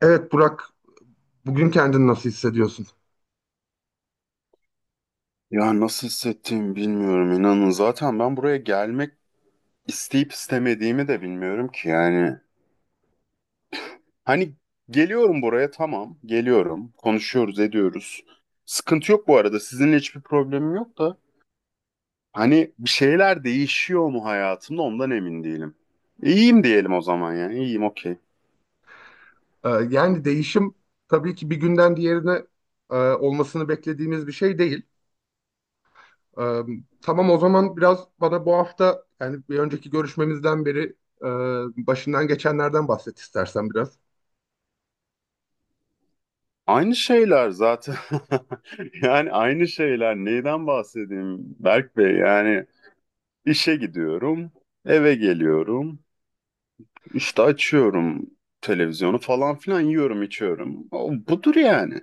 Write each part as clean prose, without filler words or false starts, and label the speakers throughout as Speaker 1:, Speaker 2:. Speaker 1: Evet Burak, bugün kendini nasıl hissediyorsun?
Speaker 2: Ya nasıl hissettiğimi bilmiyorum inanın. Zaten ben buraya gelmek isteyip istemediğimi de bilmiyorum ki yani. Hani geliyorum buraya, tamam, geliyorum, konuşuyoruz ediyoruz. Sıkıntı yok, bu arada sizinle hiçbir problemim yok da. Hani bir şeyler değişiyor mu hayatımda ondan emin değilim. İyiyim diyelim o zaman, yani iyiyim, okey.
Speaker 1: Yani değişim tabii ki bir günden diğerine olmasını beklediğimiz bir şey değil. Ee, tamam, o zaman biraz bana bu hafta, yani bir önceki görüşmemizden beri başından geçenlerden bahset istersen biraz.
Speaker 2: Aynı şeyler zaten yani aynı şeyler, neyden bahsedeyim Berk Bey, yani işe gidiyorum, eve geliyorum. İşte açıyorum televizyonu falan filan, yiyorum içiyorum. O, budur yani.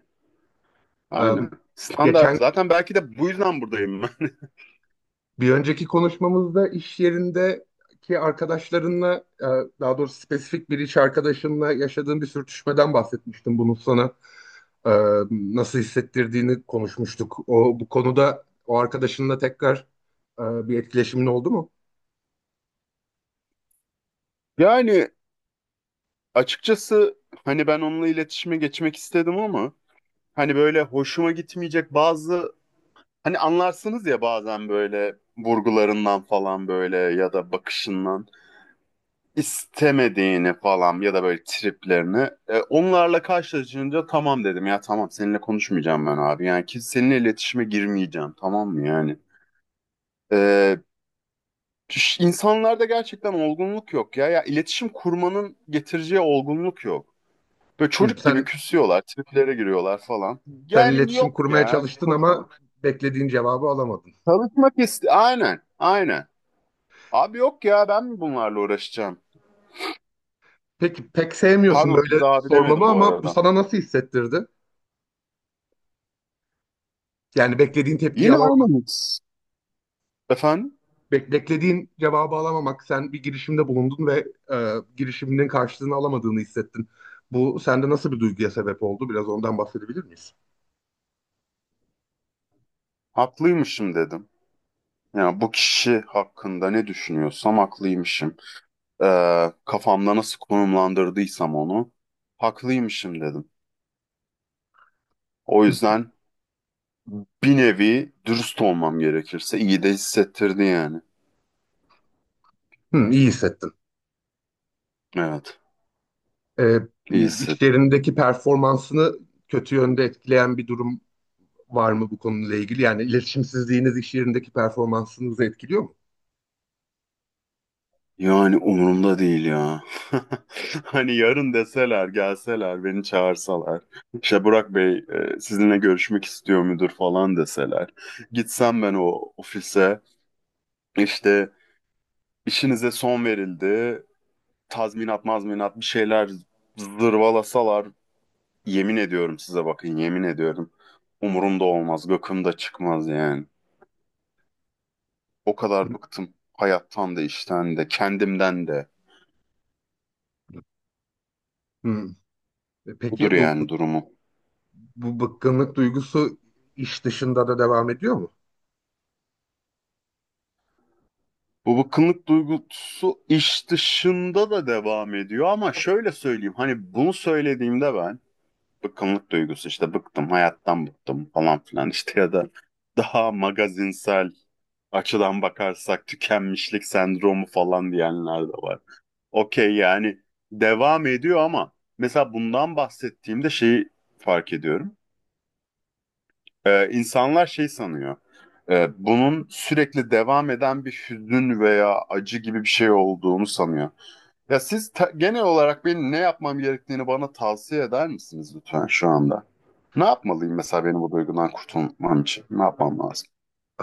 Speaker 1: Ee,
Speaker 2: Aynen. Standart.
Speaker 1: geçen
Speaker 2: Zaten belki de bu yüzden buradayım ben.
Speaker 1: Bir önceki konuşmamızda iş yerindeki arkadaşlarınla, e, daha doğrusu spesifik bir iş arkadaşınla yaşadığın bir sürtüşmeden bahsetmiştim. Bunun sana e, nasıl hissettirdiğini konuşmuştuk. O bu konuda o arkadaşınla tekrar e, bir etkileşimin oldu mu?
Speaker 2: Yani açıkçası hani ben onunla iletişime geçmek istedim ama hani böyle hoşuma gitmeyecek bazı hani, anlarsınız ya, bazen böyle vurgularından falan, böyle ya da bakışından. İstemediğini falan ya da böyle triplerini. Onlarla karşılaşınca tamam dedim ya, tamam seninle konuşmayacağım ben abi. Yani ki seninle iletişime girmeyeceğim, tamam mı yani. E, insanlarda gerçekten olgunluk yok ya. Ya iletişim kurmanın getireceği olgunluk yok. Böyle
Speaker 1: Hı,
Speaker 2: çocuk gibi
Speaker 1: sen
Speaker 2: küsüyorlar, triplere giriyorlar falan.
Speaker 1: sen
Speaker 2: Yani
Speaker 1: iletişim
Speaker 2: yok
Speaker 1: kurmaya
Speaker 2: ya.
Speaker 1: çalıştın ama
Speaker 2: Konuşalım.
Speaker 1: beklediğin cevabı alamadın.
Speaker 2: Çalışmak iste... Aynen, aynen. Abi yok ya, ben mi bunlarla uğraşacağım?
Speaker 1: Peki, pek sevmiyorsun
Speaker 2: Pardon,
Speaker 1: böyle
Speaker 2: size abi
Speaker 1: sormamı
Speaker 2: demedim bu
Speaker 1: ama bu
Speaker 2: arada.
Speaker 1: sana nasıl hissettirdi? Yani beklediğin tepkiyi
Speaker 2: Yine
Speaker 1: alamadın.
Speaker 2: aynı mix. Efendim?
Speaker 1: Beklediğin cevabı alamamak, sen bir girişimde bulundun ve girişiminin karşılığını alamadığını hissettin. Bu sende nasıl bir duyguya sebep oldu? Biraz ondan bahsedebilir miyiz?
Speaker 2: Haklıymışım dedim. Yani bu kişi hakkında ne düşünüyorsam haklıymışım. Kafamda nasıl konumlandırdıysam onu, haklıymışım dedim. O yüzden bir nevi, dürüst olmam gerekirse, iyi de hissettirdi yani.
Speaker 1: Hı, iyi hissettin.
Speaker 2: Evet,
Speaker 1: E,
Speaker 2: iyi hisset.
Speaker 1: işlerindeki performansını kötü yönde etkileyen bir durum var mı bu konuyla ilgili? Yani iletişimsizliğiniz iş yerindeki performansınızı etkiliyor mu?
Speaker 2: Yani umurumda değil ya. Hani yarın deseler, gelseler, beni çağırsalar. İşte Burak Bey sizinle görüşmek istiyor müdür falan deseler. Gitsem ben o ofise, işte, İşinize son verildi, tazminat mazminat bir şeyler zırvalasalar, yemin ediyorum size, bakın yemin ediyorum. Umurumda olmaz, gıkımda çıkmaz yani. O kadar bıktım hayattan da işten de kendimden de.
Speaker 1: Hı.
Speaker 2: Budur
Speaker 1: Peki
Speaker 2: yani durumu.
Speaker 1: bu bıkkınlık duygusu iş dışında da devam ediyor mu?
Speaker 2: Bu bıkkınlık duygusu iş dışında da devam ediyor ama şöyle söyleyeyim. Hani bunu söylediğimde ben, bıkkınlık duygusu, işte bıktım hayattan, bıktım falan filan, işte ya da daha magazinsel açıdan bakarsak tükenmişlik sendromu falan diyenler de var. Okey, yani devam ediyor ama mesela bundan bahsettiğimde şeyi fark ediyorum. İnsanlar şey sanıyor. Bunun sürekli devam eden bir hüzün veya acı gibi bir şey olduğunu sanıyor. Genel olarak benim ne yapmam gerektiğini bana tavsiye eder misiniz lütfen şu anda? Ne yapmalıyım mesela benim bu duygudan kurtulmam için? Ne yapmam lazım?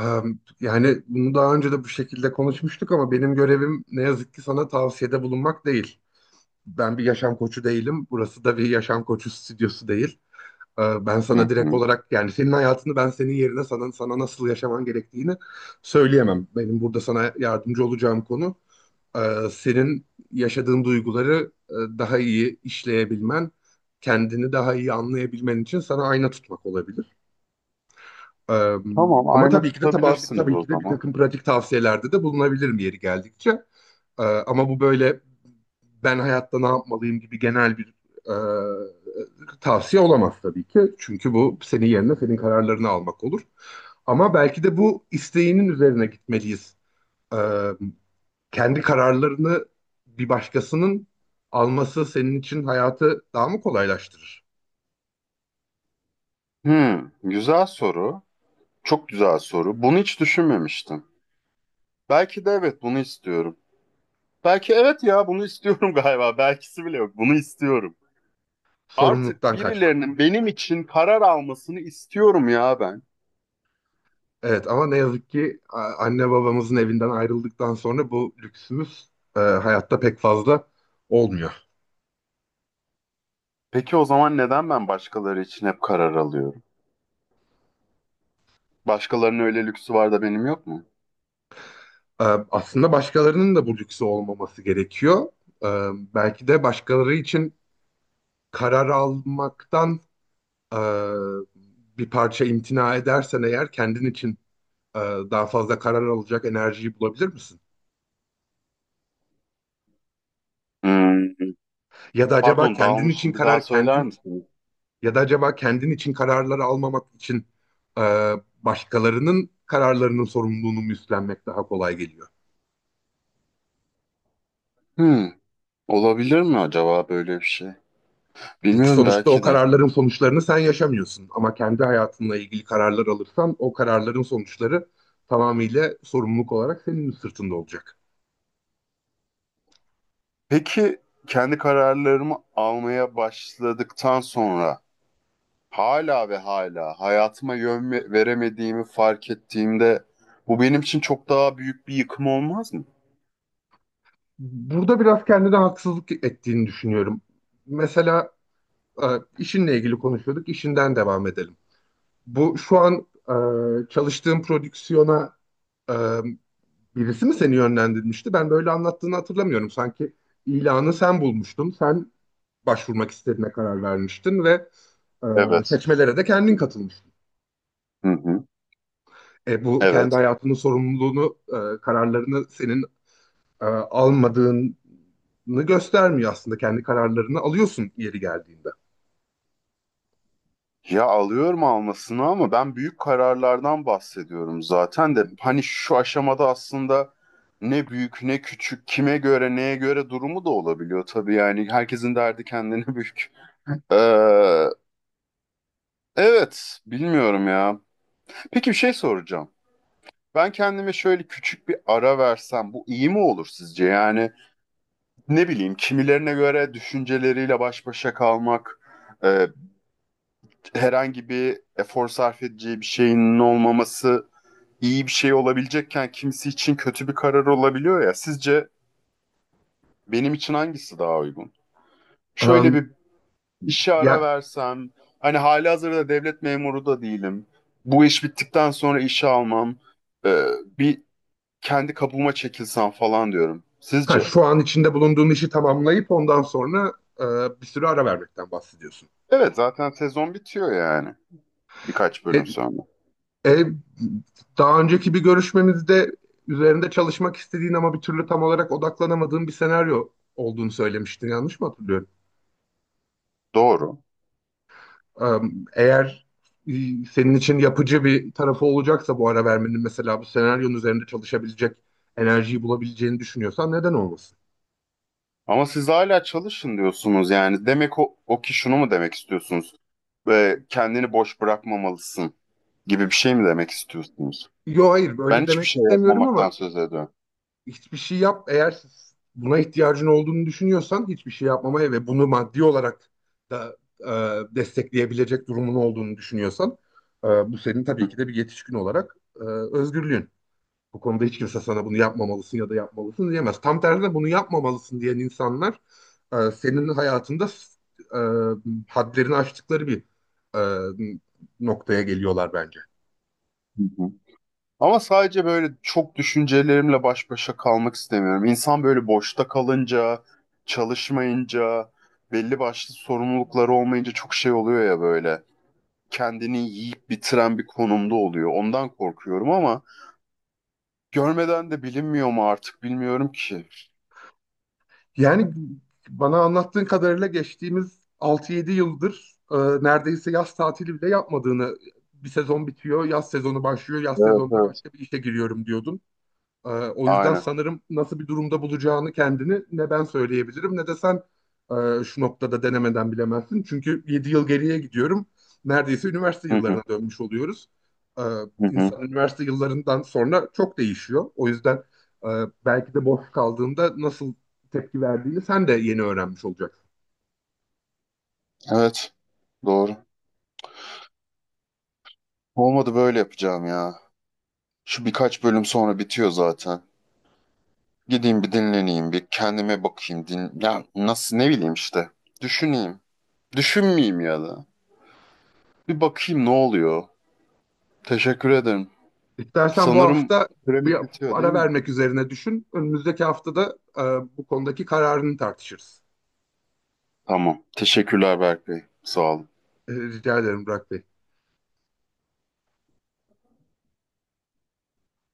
Speaker 1: Ee, Yani bunu daha önce de bu şekilde konuşmuştuk ama benim görevim ne yazık ki sana tavsiyede bulunmak değil. Ben bir yaşam koçu değilim. Burası da bir yaşam koçu stüdyosu değil. Ben sana
Speaker 2: Hı
Speaker 1: direkt
Speaker 2: hı.
Speaker 1: olarak, yani senin hayatını ben senin yerine sana nasıl yaşaman gerektiğini söyleyemem. Benim burada sana yardımcı olacağım konu, senin yaşadığın duyguları daha iyi işleyebilmen, kendini daha iyi anlayabilmen için sana ayna tutmak olabilir. Ee,
Speaker 2: Tamam,
Speaker 1: Ama
Speaker 2: ayna
Speaker 1: tabii ki de tabii,
Speaker 2: tutabilirsiniz
Speaker 1: tabii
Speaker 2: o
Speaker 1: ki de bir
Speaker 2: zaman.
Speaker 1: takım pratik tavsiyelerde de bulunabilirim yeri geldikçe. Ama bu böyle ben hayatta ne yapmalıyım gibi genel bir tavsiye olamaz tabii ki. Çünkü bu senin yerine senin kararlarını almak olur. Ama belki de bu isteğinin üzerine gitmeliyiz. Ee, Kendi kararlarını bir başkasının alması senin için hayatı daha mı kolaylaştırır?
Speaker 2: Hı, güzel soru. Çok güzel soru. Bunu hiç düşünmemiştim. Belki de evet, bunu istiyorum. Belki evet ya, bunu istiyorum galiba. Belkisi bile yok. Bunu istiyorum. Artık
Speaker 1: Sorumluluktan kaçmak.
Speaker 2: birilerinin benim için karar almasını istiyorum ya ben.
Speaker 1: Evet ama ne yazık ki anne babamızın evinden ayrıldıktan sonra bu lüksümüz hayatta pek fazla olmuyor.
Speaker 2: Peki o zaman neden ben başkaları için hep karar alıyorum? Başkalarının öyle lüksü var da benim yok mu?
Speaker 1: E, Aslında başkalarının da bu lüksü olmaması gerekiyor. E, Belki de başkaları için karar almaktan e, bir parça imtina edersen, eğer kendin için e, daha fazla karar alacak enerjiyi bulabilir misin?
Speaker 2: Hmm,
Speaker 1: Ya da acaba
Speaker 2: pardon,
Speaker 1: kendin için
Speaker 2: dağılmışım. Bir daha
Speaker 1: karar
Speaker 2: söyler
Speaker 1: kendin
Speaker 2: misiniz?
Speaker 1: Ya da acaba kendin için kararları almamak için e, başkalarının kararlarının sorumluluğunu mu üstlenmek daha kolay geliyor?
Speaker 2: Hmm. Olabilir mi acaba böyle bir şey?
Speaker 1: Çünkü
Speaker 2: Bilmiyorum,
Speaker 1: sonuçta o
Speaker 2: belki de.
Speaker 1: kararların sonuçlarını sen yaşamıyorsun. Ama kendi hayatınla ilgili kararlar alırsan o kararların sonuçları tamamıyla sorumluluk olarak senin sırtında olacak.
Speaker 2: Peki kendi kararlarımı almaya başladıktan sonra hala ve hala hayatıma veremediğimi fark ettiğimde, bu benim için çok daha büyük bir yıkım olmaz mı?
Speaker 1: Burada biraz kendine haksızlık ettiğini düşünüyorum. Mesela e, işinle ilgili konuşuyorduk, işinden devam edelim. Bu şu an çalıştığım prodüksiyona e, birisi mi seni yönlendirmişti? Ben böyle anlattığını hatırlamıyorum. Sanki ilanı sen bulmuştun. Sen başvurmak istediğine karar vermiştin ve e,
Speaker 2: Evet.
Speaker 1: seçmelere de kendin katılmıştın.
Speaker 2: Hı hı.
Speaker 1: Bu kendi
Speaker 2: Evet.
Speaker 1: hayatının sorumluluğunu, kararlarını senin almadığını göstermiyor aslında. Kendi kararlarını alıyorsun yeri geldiğinde.
Speaker 2: Ya alıyorum almasını ama ben büyük kararlardan bahsediyorum zaten de, hani şu aşamada aslında ne büyük ne küçük, kime göre neye göre durumu da olabiliyor tabii, yani herkesin derdi kendine büyük. Ee, evet, bilmiyorum ya. Peki bir şey soracağım. Ben kendime şöyle küçük bir ara versem bu iyi mi olur sizce? Yani ne bileyim, kimilerine göre düşünceleriyle baş başa kalmak, e, herhangi bir efor sarf edeceği bir şeyin olmaması iyi bir şey olabilecekken kimisi için kötü bir karar olabiliyor ya. Sizce benim için hangisi daha uygun? Şöyle
Speaker 1: E,
Speaker 2: bir, İşe ara
Speaker 1: ya,
Speaker 2: versem, hani halihazırda devlet memuru da değilim. Bu iş bittikten sonra işe almam, e, bir kendi kabuğuma çekilsem falan diyorum.
Speaker 1: ha,
Speaker 2: Sizce?
Speaker 1: şu an içinde bulunduğun işi tamamlayıp ondan sonra e, bir sürü ara vermekten bahsediyorsun.
Speaker 2: Evet, zaten sezon bitiyor yani birkaç
Speaker 1: E,
Speaker 2: bölüm sonra.
Speaker 1: E, Daha önceki bir görüşmemizde üzerinde çalışmak istediğin ama bir türlü tam olarak odaklanamadığın bir senaryo olduğunu söylemiştin. Yanlış mı hatırlıyorum?
Speaker 2: Doğru.
Speaker 1: Eğer e, senin için yapıcı bir tarafı olacaksa bu ara vermenin, mesela bu senaryonun üzerinde çalışabilecek enerjiyi bulabileceğini düşünüyorsan neden olmasın?
Speaker 2: Ama siz hala çalışın diyorsunuz yani. Demek o ki, şunu mu demek istiyorsunuz? Kendini boş bırakmamalısın gibi bir şey mi demek istiyorsunuz?
Speaker 1: Yo hayır,
Speaker 2: Ben
Speaker 1: böyle
Speaker 2: hiçbir
Speaker 1: demek
Speaker 2: şey
Speaker 1: istemiyorum
Speaker 2: yapmamaktan
Speaker 1: ama
Speaker 2: söz ediyorum.
Speaker 1: hiçbir şey yap. Eğer buna ihtiyacın olduğunu düşünüyorsan hiçbir şey yapmamaya ve bunu maddi olarak da destekleyebilecek durumun olduğunu düşünüyorsan bu senin tabii ki de bir yetişkin olarak özgürlüğün. Bu konuda hiç kimse sana bunu yapmamalısın ya da yapmalısın diyemez. Tam tersine bunu yapmamalısın diyen insanlar senin hayatında e, hadlerini aştıkları bir e, noktaya geliyorlar bence.
Speaker 2: Hı hı. Ama sadece böyle çok düşüncelerimle baş başa kalmak istemiyorum. İnsan böyle boşta kalınca, çalışmayınca, belli başlı sorumlulukları olmayınca çok şey oluyor ya böyle. Kendini yiyip bitiren bir konumda oluyor. Ondan korkuyorum ama görmeden de bilinmiyor mu, artık bilmiyorum ki.
Speaker 1: Yani bana anlattığın kadarıyla geçtiğimiz 6-7 yıldır neredeyse yaz tatili bile yapmadığını, bir sezon bitiyor, yaz sezonu başlıyor, yaz
Speaker 2: Evet,
Speaker 1: sezonunda
Speaker 2: evet.
Speaker 1: başka bir işe giriyorum diyordun. O yüzden
Speaker 2: Aynen.
Speaker 1: sanırım nasıl bir durumda bulacağını kendini ne ben söyleyebilirim ne de sen şu noktada denemeden bilemezsin. Çünkü 7 yıl geriye gidiyorum. Neredeyse üniversite
Speaker 2: Hı hı,
Speaker 1: yıllarına dönmüş oluyoruz. Ee,
Speaker 2: hı hı.
Speaker 1: insan üniversite yıllarından sonra çok değişiyor. O yüzden e, belki de boş kaldığında nasıl tepki verdiğini sen de yeni öğrenmiş olacaksın.
Speaker 2: Evet, doğru. Olmadı böyle yapacağım ya. Şu birkaç bölüm sonra bitiyor zaten. Gideyim bir dinleneyim, bir kendime bakayım. Din ya, nasıl, ne bileyim işte. Düşüneyim. Düşünmeyeyim ya da. Bir bakayım ne oluyor. Teşekkür ederim.
Speaker 1: İstersen bu
Speaker 2: Sanırım
Speaker 1: hafta bir
Speaker 2: süremiz bitiyor değil
Speaker 1: ara
Speaker 2: mi?
Speaker 1: vermek üzerine düşün. Önümüzdeki haftada bu konudaki kararını tartışırız.
Speaker 2: Tamam. Teşekkürler Berk Bey. Sağ olun.
Speaker 1: Rica ederim Burak Bey.